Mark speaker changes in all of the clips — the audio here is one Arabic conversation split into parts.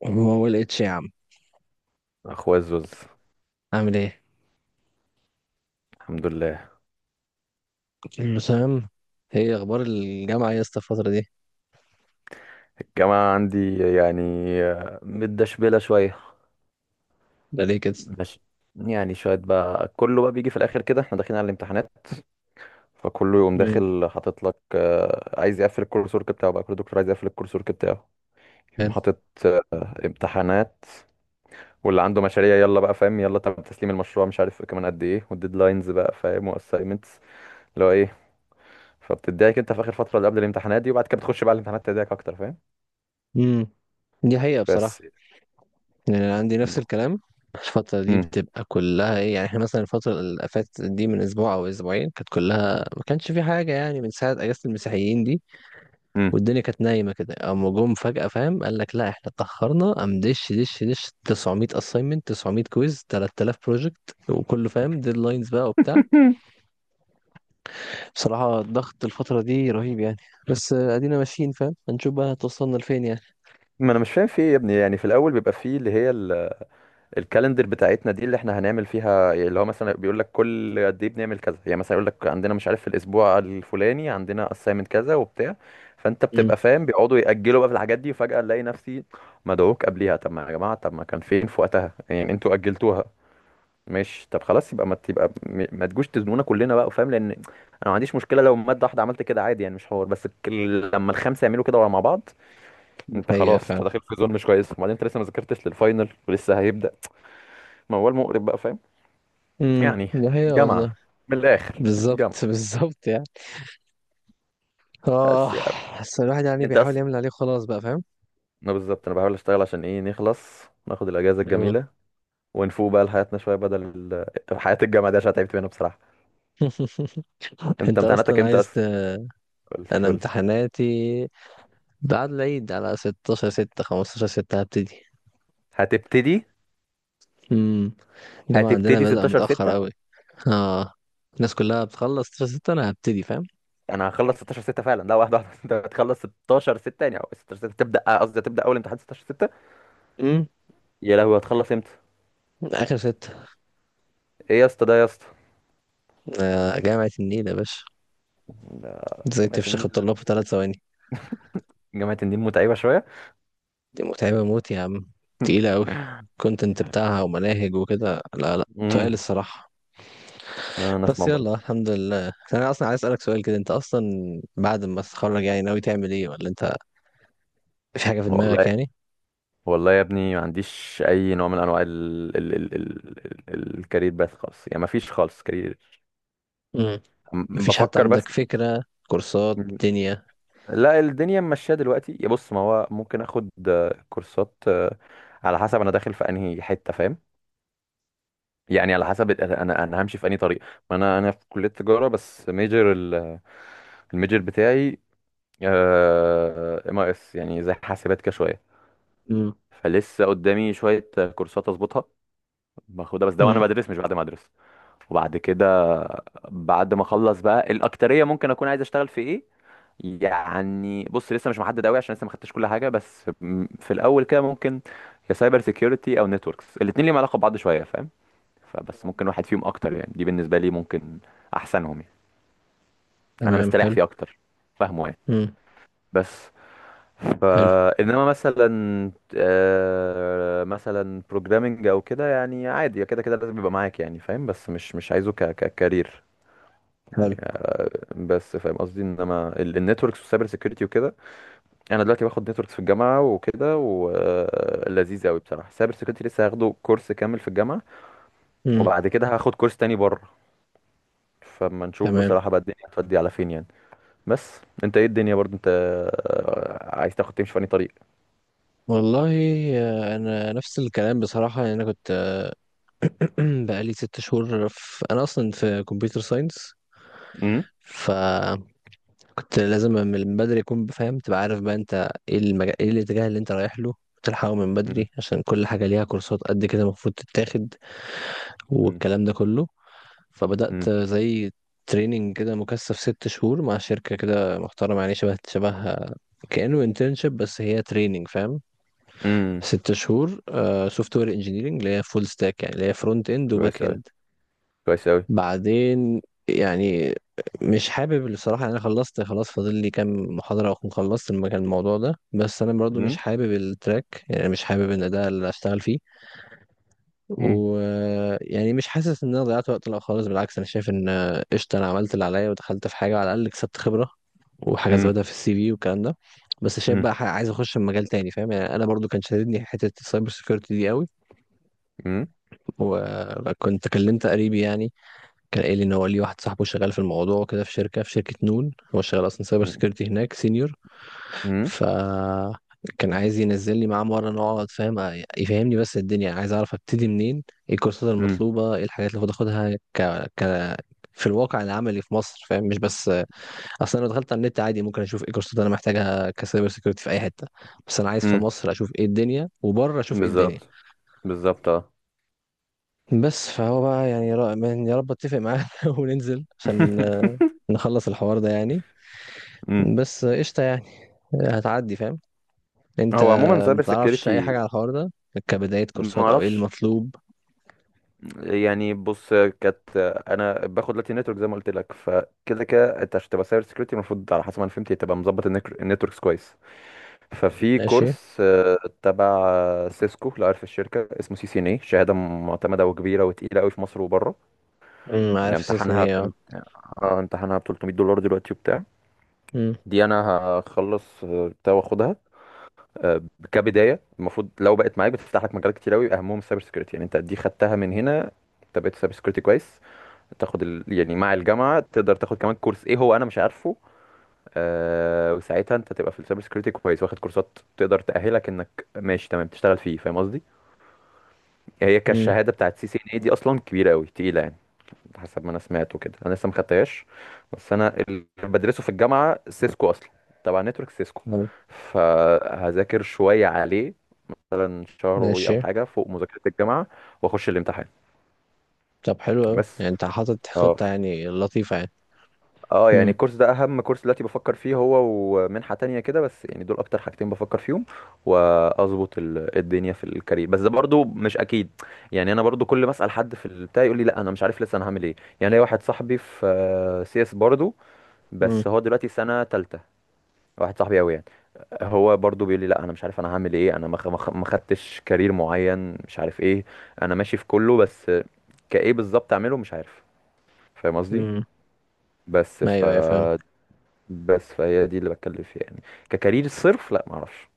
Speaker 1: يعني هو هو الاتش يا عم،
Speaker 2: اخويا الزوز.
Speaker 1: عامل ايه؟
Speaker 2: الحمد لله.
Speaker 1: المسام. هي اخبار الجامعه يا اسطى الفتره دي؟
Speaker 2: الجامعة عندي يعني متدشبلة شوية.
Speaker 1: ده ليه كده؟
Speaker 2: ماشي، يعني شوية بقى، كله بقى بيجي في الآخر كده احنا داخلين على الامتحانات، فكله يقوم
Speaker 1: امم
Speaker 2: داخل حاطط لك عايز يقفل الكورس ورك بتاعه، بقى كل دكتور عايز يقفل الكورس ورك بتاعه، يقوم حاطط آه، امتحانات، واللي عنده مشاريع يلا بقى فاهم، يلا طب تسليم المشروع مش عارف كمان قد ايه، والديدلاينز بقى فاهم، واساينمنتس اللي هو ايه. فبتضايق انت في آخر فترة اللي قبل الامتحانات دي، وبعد كده بتخش بقى الامتحانات تضايقك أكتر فاهم.
Speaker 1: امم دي حقيقه
Speaker 2: بس
Speaker 1: بصراحه. يعني انا عندي نفس الكلام، الفتره دي بتبقى كلها ايه؟ يعني احنا مثلا الفتره اللي فاتت دي من اسبوع او اسبوعين كانت كلها، ما كانش في حاجه يعني من ساعه اجازه المسيحيين دي،
Speaker 2: مم.
Speaker 1: والدنيا كانت نايمه كده، اما جم فجاه فاهم؟ قال لك لا احنا اتاخرنا، قام دش دش دش، 900 اساينمنت، 900 كويز، 3000 بروجكت، وكله فاهم ديدلاينز بقى وبتاع. بصراحة الضغط الفترة دي رهيب يعني. بس ادينا ماشيين فاهم، هنشوف بقى هتوصلنا لفين يعني.
Speaker 2: ما انا مش فاهم في ايه يا ابني، يعني في الاول بيبقى فيه اللي هي الكالندر بتاعتنا دي اللي احنا هنعمل فيها، اللي هو مثلا بيقول لك كل قد ايه بنعمل كذا، يعني مثلا يقول لك عندنا مش عارف في الاسبوع الفلاني عندنا اسايمنت كذا وبتاع. فانت
Speaker 1: امم.
Speaker 2: بتبقى فاهم، بيقعدوا ياجلوا بقى في الحاجات دي وفجاه الاقي نفسي مدعوك قبليها، طب ما يا جماعه طب ما كان فين في وقتها يعني انتوا اجلتوها. ماشي طب خلاص يبقى ما تبقى ما تجوش تزنونا كلنا بقى فاهم، لان انا ما عنديش مشكله لو ماده واحده عملت كده عادي يعني مش حوار، بس لما الخمسه يعملوا كده مع بعض،
Speaker 1: دي
Speaker 2: انت
Speaker 1: حقيقة
Speaker 2: خلاص انت
Speaker 1: فعلا.
Speaker 2: داخل في زون مش كويس، وبعدين انت لسه ما ذاكرتش للفاينل ولسه هيبدا موال مقرب بقى فاهم.
Speaker 1: امم.
Speaker 2: يعني
Speaker 1: دي حقيقة والله.
Speaker 2: جامعه، من الاخر
Speaker 1: بالظبط
Speaker 2: جامعه،
Speaker 1: بالظبط يعني.
Speaker 2: بس
Speaker 1: اه.
Speaker 2: يا ابني.
Speaker 1: بس الواحد يعني
Speaker 2: انت
Speaker 1: بيحاول
Speaker 2: اصلا،
Speaker 1: يعمل عليه خلاص بقى فاهم.
Speaker 2: انا بالظبط انا بحاول اشتغل عشان ايه؟ نخلص ناخد الاجازه
Speaker 1: مم.
Speaker 2: الجميله ونفوق بقى لحياتنا شويه، بدل حياه الجامعه دي عشان تعبت منها بصراحه. انت
Speaker 1: انت
Speaker 2: امتحاناتك
Speaker 1: اصلا
Speaker 2: امتى
Speaker 1: عايز
Speaker 2: اصلا؟ قول لي
Speaker 1: انا
Speaker 2: قول لي.
Speaker 1: امتحاناتي بعد العيد، على 16 6، 15 6 هبتدي.
Speaker 2: هتبتدي
Speaker 1: امم الجامعة عندنا
Speaker 2: هتبتدي
Speaker 1: بدأ
Speaker 2: 16
Speaker 1: متأخر
Speaker 2: 6؟
Speaker 1: قوي. اه، الناس كلها بتخلص 16 6، انا هبتدي فاهم.
Speaker 2: انا هخلص 16 6 فعلا، لا واحده واحده. انت هتخلص 16 6 يعني، أو 16 6 تبدا قصدي، هتبدا اول امتحان 16 6؟
Speaker 1: امم
Speaker 2: يا لهوي هتخلص امتى؟
Speaker 1: اخر ستة.
Speaker 2: ايه يا اسطى ده يا اسطى؟
Speaker 1: آه، جامعة النيل يا باشا.
Speaker 2: ده
Speaker 1: ازاي
Speaker 2: جامعة
Speaker 1: تفشخ
Speaker 2: النيل.
Speaker 1: الطلاب في 3 ثواني؟
Speaker 2: جامعة النيل متعبة شوية.
Speaker 1: دي متعبة موت يا عم، تقيلة قوي. كونتنت بتاعها ومناهج وكده، لا لا تقال
Speaker 2: امم،
Speaker 1: الصراحة.
Speaker 2: انا
Speaker 1: بس
Speaker 2: اسمع
Speaker 1: يلا
Speaker 2: برضه.
Speaker 1: الحمد لله. انا اصلا عايز اسألك سؤال كده، انت اصلا بعد ما تتخرج يعني ناوي تعمل ايه؟ ولا انت في حاجة في دماغك
Speaker 2: والله،
Speaker 1: يعني؟
Speaker 2: والله يا ابني ما عنديش اي نوع من انواع الكارير باث خالص، يعني ما فيش خالص كارير.
Speaker 1: امم مفيش حتى
Speaker 2: بفكر
Speaker 1: عندك
Speaker 2: بس.
Speaker 1: فكرة كورسات
Speaker 2: م-
Speaker 1: دنيا؟
Speaker 2: لا الدنيا ماشيه دلوقتي يا بص، ما هو ممكن اخد كورسات على حسب انا داخل في انهي حته فاهم. يعني على حسب انا همشي في انهي طريق. ما انا في كليه تجاره، بس ميجر الميجر بتاعي ام اس، يعني زي حاسبات كده شويه.
Speaker 1: امم.
Speaker 2: فلسه قدامي شويه كورسات اظبطها باخدها، بس ده وانا
Speaker 1: امم.
Speaker 2: بدرس مش بعد ما ادرس. وبعد كده، بعد ما اخلص بقى الاكتريه، ممكن اكون عايز اشتغل في ايه يعني. بص لسه مش محدد قوي عشان لسه ما خدتش كل حاجه، بس في الاول كده ممكن يا سايبر سيكيورتي او نتوركس. الاثنين ليهم علاقه ببعض شويه فاهم، فبس ممكن واحد فيهم اكتر، يعني دي بالنسبه لي ممكن احسنهم يعني، انا
Speaker 1: تمام،
Speaker 2: مستريح
Speaker 1: حلو.
Speaker 2: فيه اكتر فاهمه يعني.
Speaker 1: امم.
Speaker 2: بس
Speaker 1: حلو.
Speaker 2: فانما مثلا مثلا بروجرامنج او كده يعني عادي، كده كده لازم يبقى معاك يعني فاهم، بس مش مش عايزه ككارير،
Speaker 1: حلو.
Speaker 2: بس فاهم قصدي، انما النتوركس والسايبر سيكيورتي وكده، انا دلوقتي باخد نتوركس في الجامعه وكده ولذيذ قوي بصراحه. السايبر سيكيورتي لسه هاخده كورس كامل في الجامعه،
Speaker 1: امم.
Speaker 2: وبعد كده هاخد كورس تاني بره. فما نشوف
Speaker 1: تمام.
Speaker 2: بصراحه بقى الدنيا هتودي على فين يعني. بس انت ايه الدنيا برضو، انت عايز تاخد تمشي في أنهي طريق؟
Speaker 1: والله، انا نفس الكلام بصراحة. يعني انا كنت بقالي 6 شهور في، انا اصلا في كمبيوتر ساينس.
Speaker 2: امم،
Speaker 1: فكنت لازم من بدري اكون بفهم، تبقى عارف بقى انت ايه المجال، ايه الاتجاه اللي انت رايح له وتلحقه من
Speaker 2: امم،
Speaker 1: بدري، عشان كل حاجه ليها كورسات قد كده المفروض تتاخد، والكلام ده كله.
Speaker 2: امم،
Speaker 1: فبدات زي تريننج كده مكثف، 6 شهور مع شركه كده محترمه، يعني شبه شبه كأنه انترنشيب بس هي تريننج فاهم.
Speaker 2: امم.
Speaker 1: ست شهور سوفت وير انجينيرنج، اللي هي فول ستاك، يعني اللي هي فرونت اند وباك
Speaker 2: كويس أوي،
Speaker 1: اند.
Speaker 2: كويس أوي.
Speaker 1: بعدين يعني، مش حابب الصراحة، أنا خلصت خلاص، فاضل لي كام محاضرة وأكون خلصت الموضوع ده، بس أنا برضو مش
Speaker 2: مم.
Speaker 1: حابب التراك، يعني مش حابب إن ده اللي أشتغل فيه.
Speaker 2: مم.
Speaker 1: ويعني مش حاسس إن أنا ضيعت وقت لا خالص، بالعكس أنا شايف إن قشطة، أنا عملت اللي عليا ودخلت في حاجة، على الأقل كسبت خبرة وحاجة
Speaker 2: مم.
Speaker 1: زودها في السي في والكلام ده. بس شايف
Speaker 2: مم.
Speaker 1: بقى عايز أخش في مجال تاني فاهم. يعني أنا برضو كان شاددني حتة السايبر سيكيورتي دي قوي.
Speaker 2: مم.
Speaker 1: وكنت كلمت قريبي يعني، كان قايل لي ان هو ليه واحد صاحبه شغال في الموضوع وكده، في شركه في شركه نون، هو شغال اصلا سايبر
Speaker 2: مم.
Speaker 1: سكيورتي هناك سينيور.
Speaker 2: مم.
Speaker 1: ف كان عايز ينزل لي معاه مره نقعد فاهم، يفهمني. بس الدنيا عايز اعرف ابتدي منين، ايه الكورسات
Speaker 2: مم.
Speaker 1: المطلوبه، ايه الحاجات اللي المفروض اخدها ك... ك في الواقع العملي في مصر فاهم، مش بس اصلا لو دخلت على النت عادي ممكن اشوف ايه الكورسات اللي انا محتاجها كسايبر سيكيورتي في اي حته. بس انا عايز في
Speaker 2: مم.
Speaker 1: مصر اشوف ايه الدنيا، وبره اشوف ايه الدنيا.
Speaker 2: بالظبط بالظبط، اه.
Speaker 1: بس فهو بقى يعني، يا رب اتفق معاه وننزل عشان نخلص الحوار ده يعني.
Speaker 2: مم.
Speaker 1: بس قشطة يعني، هتعدي فاهم. انت
Speaker 2: هو عموما سايبر
Speaker 1: متعرفش اي حاجة
Speaker 2: سيكيورتي،
Speaker 1: على الحوار ده، كبداية
Speaker 2: ما
Speaker 1: كورسات او ايه
Speaker 2: اعرفش
Speaker 1: المطلوب؟
Speaker 2: يعني. بص كانت، انا باخد لاتي نتورك زي ما قلت لك، فكده كده انت عشان تبقى سايبر سيكيورتي المفروض على حسب ما انا فهمت تبقى مظبط النتوركس كويس. ففي
Speaker 1: ماشي.
Speaker 2: كورس تبع سيسكو لو عارف الشركه، اسمه سي سي ان اي، شهاده معتمده وكبيره وتقيله قوي في مصر وبره.
Speaker 1: امم، عارف سيسي
Speaker 2: امتحانها،
Speaker 1: ايه اه.
Speaker 2: اه امتحانها ب $300 دلوقتي وبتاع.
Speaker 1: امم.
Speaker 2: دي انا هخلص بتاع واخدها. آه، كبدايه المفروض لو بقت معاك بتفتح لك مجالات كتير قوي، اهمهم السايبر سكيورتي يعني. انت دي خدتها من هنا، انت بقيت سايبر سكيورتي كويس، تاخد ال... يعني مع الجامعه تقدر تاخد كمان كورس ايه هو انا مش عارفه، آه وساعتها انت تبقى في السايبر سكيورتي كويس، واخد كورسات تقدر تاهلك انك ماشي تمام تشتغل فيه فاهم قصدي. هي
Speaker 1: امم.
Speaker 2: كالشهاده بتاعت سي سي ان اي دي اصلا كبيره قوي تقيله يعني، حسب ما انا سمعت وكده، انا لسه ما خدتهاش. بس انا اللي بدرسه في الجامعه سيسكو اصلا، تبع نتورك سيسكو،
Speaker 1: حلو.
Speaker 2: فهذاكر شويه عليه مثلا شهر وي او
Speaker 1: ماشي.
Speaker 2: حاجه فوق مذاكره الجامعه، واخش الامتحان
Speaker 1: طب حلو اوي
Speaker 2: بس.
Speaker 1: يعني، انت حاطط
Speaker 2: اه
Speaker 1: خطة يعني لطيفة يعني.
Speaker 2: اه يعني
Speaker 1: امم.
Speaker 2: الكورس ده اهم كورس دلوقتي بفكر فيه، هو ومنحه تانية كده، بس يعني دول اكتر حاجتين بفكر فيهم واظبط الدنيا في الكارير، بس ده برضو مش اكيد يعني. انا برضو كل ما اسال حد في البتاع يقول لي لا انا مش عارف لسه انا هعمل ايه. يعني ليا واحد صاحبي في سي اس برضو،
Speaker 1: امم.
Speaker 2: بس هو دلوقتي سنة تالتة، واحد صاحبي قوي يعني، هو برضو بيقول لي لا انا مش عارف انا هعمل ايه، انا ما خدتش كارير معين مش عارف ايه، انا ماشي في كله، بس كايه بالظبط اعمله مش عارف. فاهم قصدي.
Speaker 1: امم.
Speaker 2: بس ف،
Speaker 1: ايوه ايوه فاهم.
Speaker 2: بس فهي دي اللي بتكلم فيها يعني. ككارير صرف لا ما اعرفش،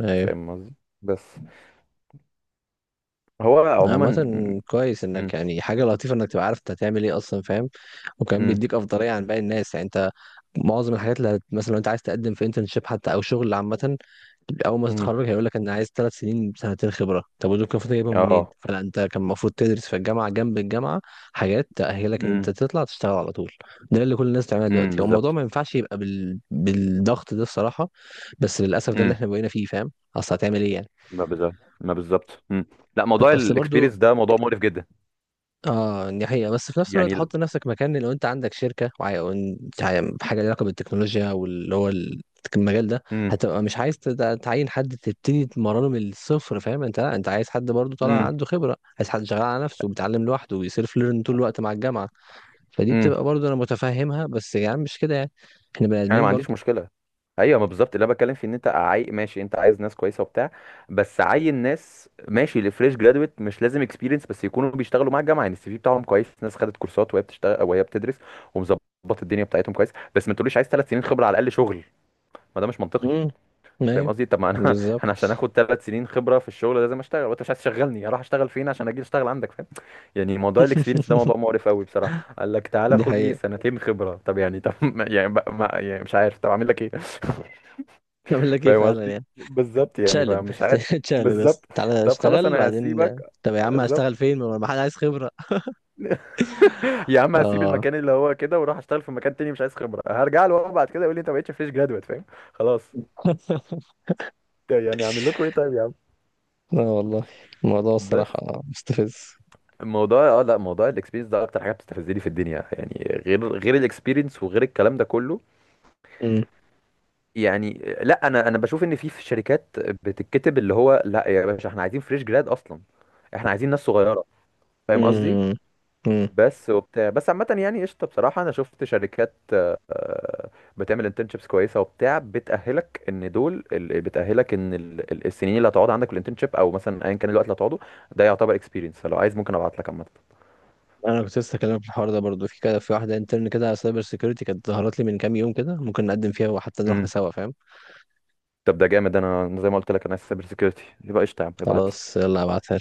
Speaker 1: ايوه.
Speaker 2: فاهم قصدي. بس هو
Speaker 1: عامة
Speaker 2: عموما.
Speaker 1: كويس
Speaker 2: امم،
Speaker 1: انك، يعني حاجة لطيفة انك تبقى عارف انت هتعمل ايه اصلا فاهم. وكمان
Speaker 2: امم،
Speaker 1: بيديك افضلية عن باقي الناس. يعني انت معظم الحاجات اللي مثلا لو انت عايز تقدم في انترنشيب حتى او شغل، عامة اول ما
Speaker 2: امم،
Speaker 1: تتخرج هيقول لك انا عايز 3 سنين، 2 سنين خبره، طب ودول كان المفروض جايبهم منين؟
Speaker 2: اه،
Speaker 1: فلا، انت كان المفروض تدرس في الجامعه، جنب الجامعه حاجات تاهلك ان
Speaker 2: امم،
Speaker 1: انت تطلع تشتغل على طول. ده اللي كل الناس بتعمله
Speaker 2: امم،
Speaker 1: دلوقتي. هو الموضوع
Speaker 2: بالظبط،
Speaker 1: ما ينفعش يبقى بالضغط ده الصراحه. بس للاسف ده اللي
Speaker 2: امم،
Speaker 1: احنا بقينا فيه فاهم، اصل هتعمل ايه يعني.
Speaker 2: ما بالظبط، ما بالظبط امم. لا موضوع
Speaker 1: اصل برضو،
Speaker 2: الاكسبيرينس ده موضوع مقرف جدا
Speaker 1: اه دي حقيقة. بس في نفس الوقت
Speaker 2: يعني.
Speaker 1: حط نفسك مكان لو انت عندك شركة، حاجة ليها علاقة بالتكنولوجيا واللي هو المجال ده،
Speaker 2: امم،
Speaker 1: هتبقى مش عايز تعين حد تبتدي تمرنه من الصفر فاهم. انت لا، انت عايز حد برضو طالع عنده خبرة، عايز حد شغال على نفسه وبيتعلم لوحده وبيسيلف ليرن طول الوقت مع الجامعة. فدي
Speaker 2: امم،
Speaker 1: بتبقى برضو انا متفهمها، بس يا يعني عم مش كده يعني، احنا بني
Speaker 2: انا ما
Speaker 1: ادمين
Speaker 2: عنديش
Speaker 1: برضو.
Speaker 2: مشكله. ايوه ما بالظبط اللي انا بتكلم فيه، ان انت عاي ماشي انت عايز ناس كويسه وبتاع، بس عين ناس ماشي لفريش جرادويت مش لازم اكسبيرينس، بس يكونوا بيشتغلوا مع الجامعه يعني السي في بتاعهم كويس، ناس خدت كورسات وهي بتشتغل وهي بتدرس ومظبط الدنيا بتاعتهم كويس. بس ما تقوليش عايز 3 سنين خبره على الاقل شغل، ما ده مش منطقي.
Speaker 1: امم.
Speaker 2: فاهم
Speaker 1: ايوه.
Speaker 2: قصدي؟ طب ما انا انا
Speaker 1: بالظبط.
Speaker 2: عشان اخد 3 سنين خبره في الشغل لازم اشتغل، وانت مش عايز تشغلني، اروح اشتغل فين عشان اجي اشتغل عندك فاهم؟ يعني موضوع الاكسبيرينس ده موضوع مقرف قوي بصراحه. قال لك تعالى
Speaker 1: دي
Speaker 2: خد لي
Speaker 1: حقيقة.
Speaker 2: سنتين خبره، طب يعني طب يعني، ما يعني مش عارف طب اعمل لك ايه.
Speaker 1: اعمل لك ايه
Speaker 2: فاهم
Speaker 1: فعلا
Speaker 2: قصدي
Speaker 1: يعني.
Speaker 2: بالظبط يعني،
Speaker 1: تشالب
Speaker 2: فمش عارف.
Speaker 1: تشالب
Speaker 2: بالظبط،
Speaker 1: بس تعالى
Speaker 2: طب خلاص
Speaker 1: اشتغل
Speaker 2: انا
Speaker 1: بعدين.
Speaker 2: هسيبك.
Speaker 1: طب يا عم هشتغل
Speaker 2: بالظبط
Speaker 1: فين؟ ما حد عايز خبرة.
Speaker 2: يا عم هسيب
Speaker 1: اه.
Speaker 2: المكان اللي هو كده واروح اشتغل في مكان تاني مش عايز خبره، هرجع له بقى بعد كده يقول لي انت ما بقتش فريش جرادويت فاهم. خلاص. طيب يعني اعمل لكم ايه طيب يا عم.
Speaker 1: لا والله، الموضوع
Speaker 2: بس
Speaker 1: الصراحة مستفز.
Speaker 2: الموضوع، اه لا موضوع الاكسبيرينس ده اكتر حاجه بتستفزني في الدنيا يعني، غير الاكسبيرينس وغير الكلام ده كله
Speaker 1: مم.
Speaker 2: يعني. لا انا بشوف ان في شركات بتتكتب اللي هو لا يا باشا احنا عايزين فريش جراد اصلا، احنا عايزين ناس صغيره، فاهم قصدي.
Speaker 1: مم. مم.
Speaker 2: بس وبتاع، بس عامه يعني قشطه بصراحه انا شفت شركات بتعمل انترنشيبس كويسه وبتاع، بتاهلك ان دول بتاهلك ان السنين اللي هتقعد عندك في الانترنشيب، او مثلا ايا كان الوقت اللي هتقعده، ده يعتبر اكسبيرينس. فلو عايز ممكن ابعت لك.
Speaker 1: انا كنت لسه هكلمك في الحوار ده برضو، في كده في واحدة انترن كده على سايبر سيكيورتي كانت ظهرت لي من كام يوم كده، ممكن نقدم فيها وحتى نروح
Speaker 2: عامه،
Speaker 1: سوا فاهم.
Speaker 2: طب ده جامد، انا زي ما قلت لك انا سايبر سيكيورتي يبقى قشطه، يا عم ابعت لي.
Speaker 1: خلاص يلا هبعتها.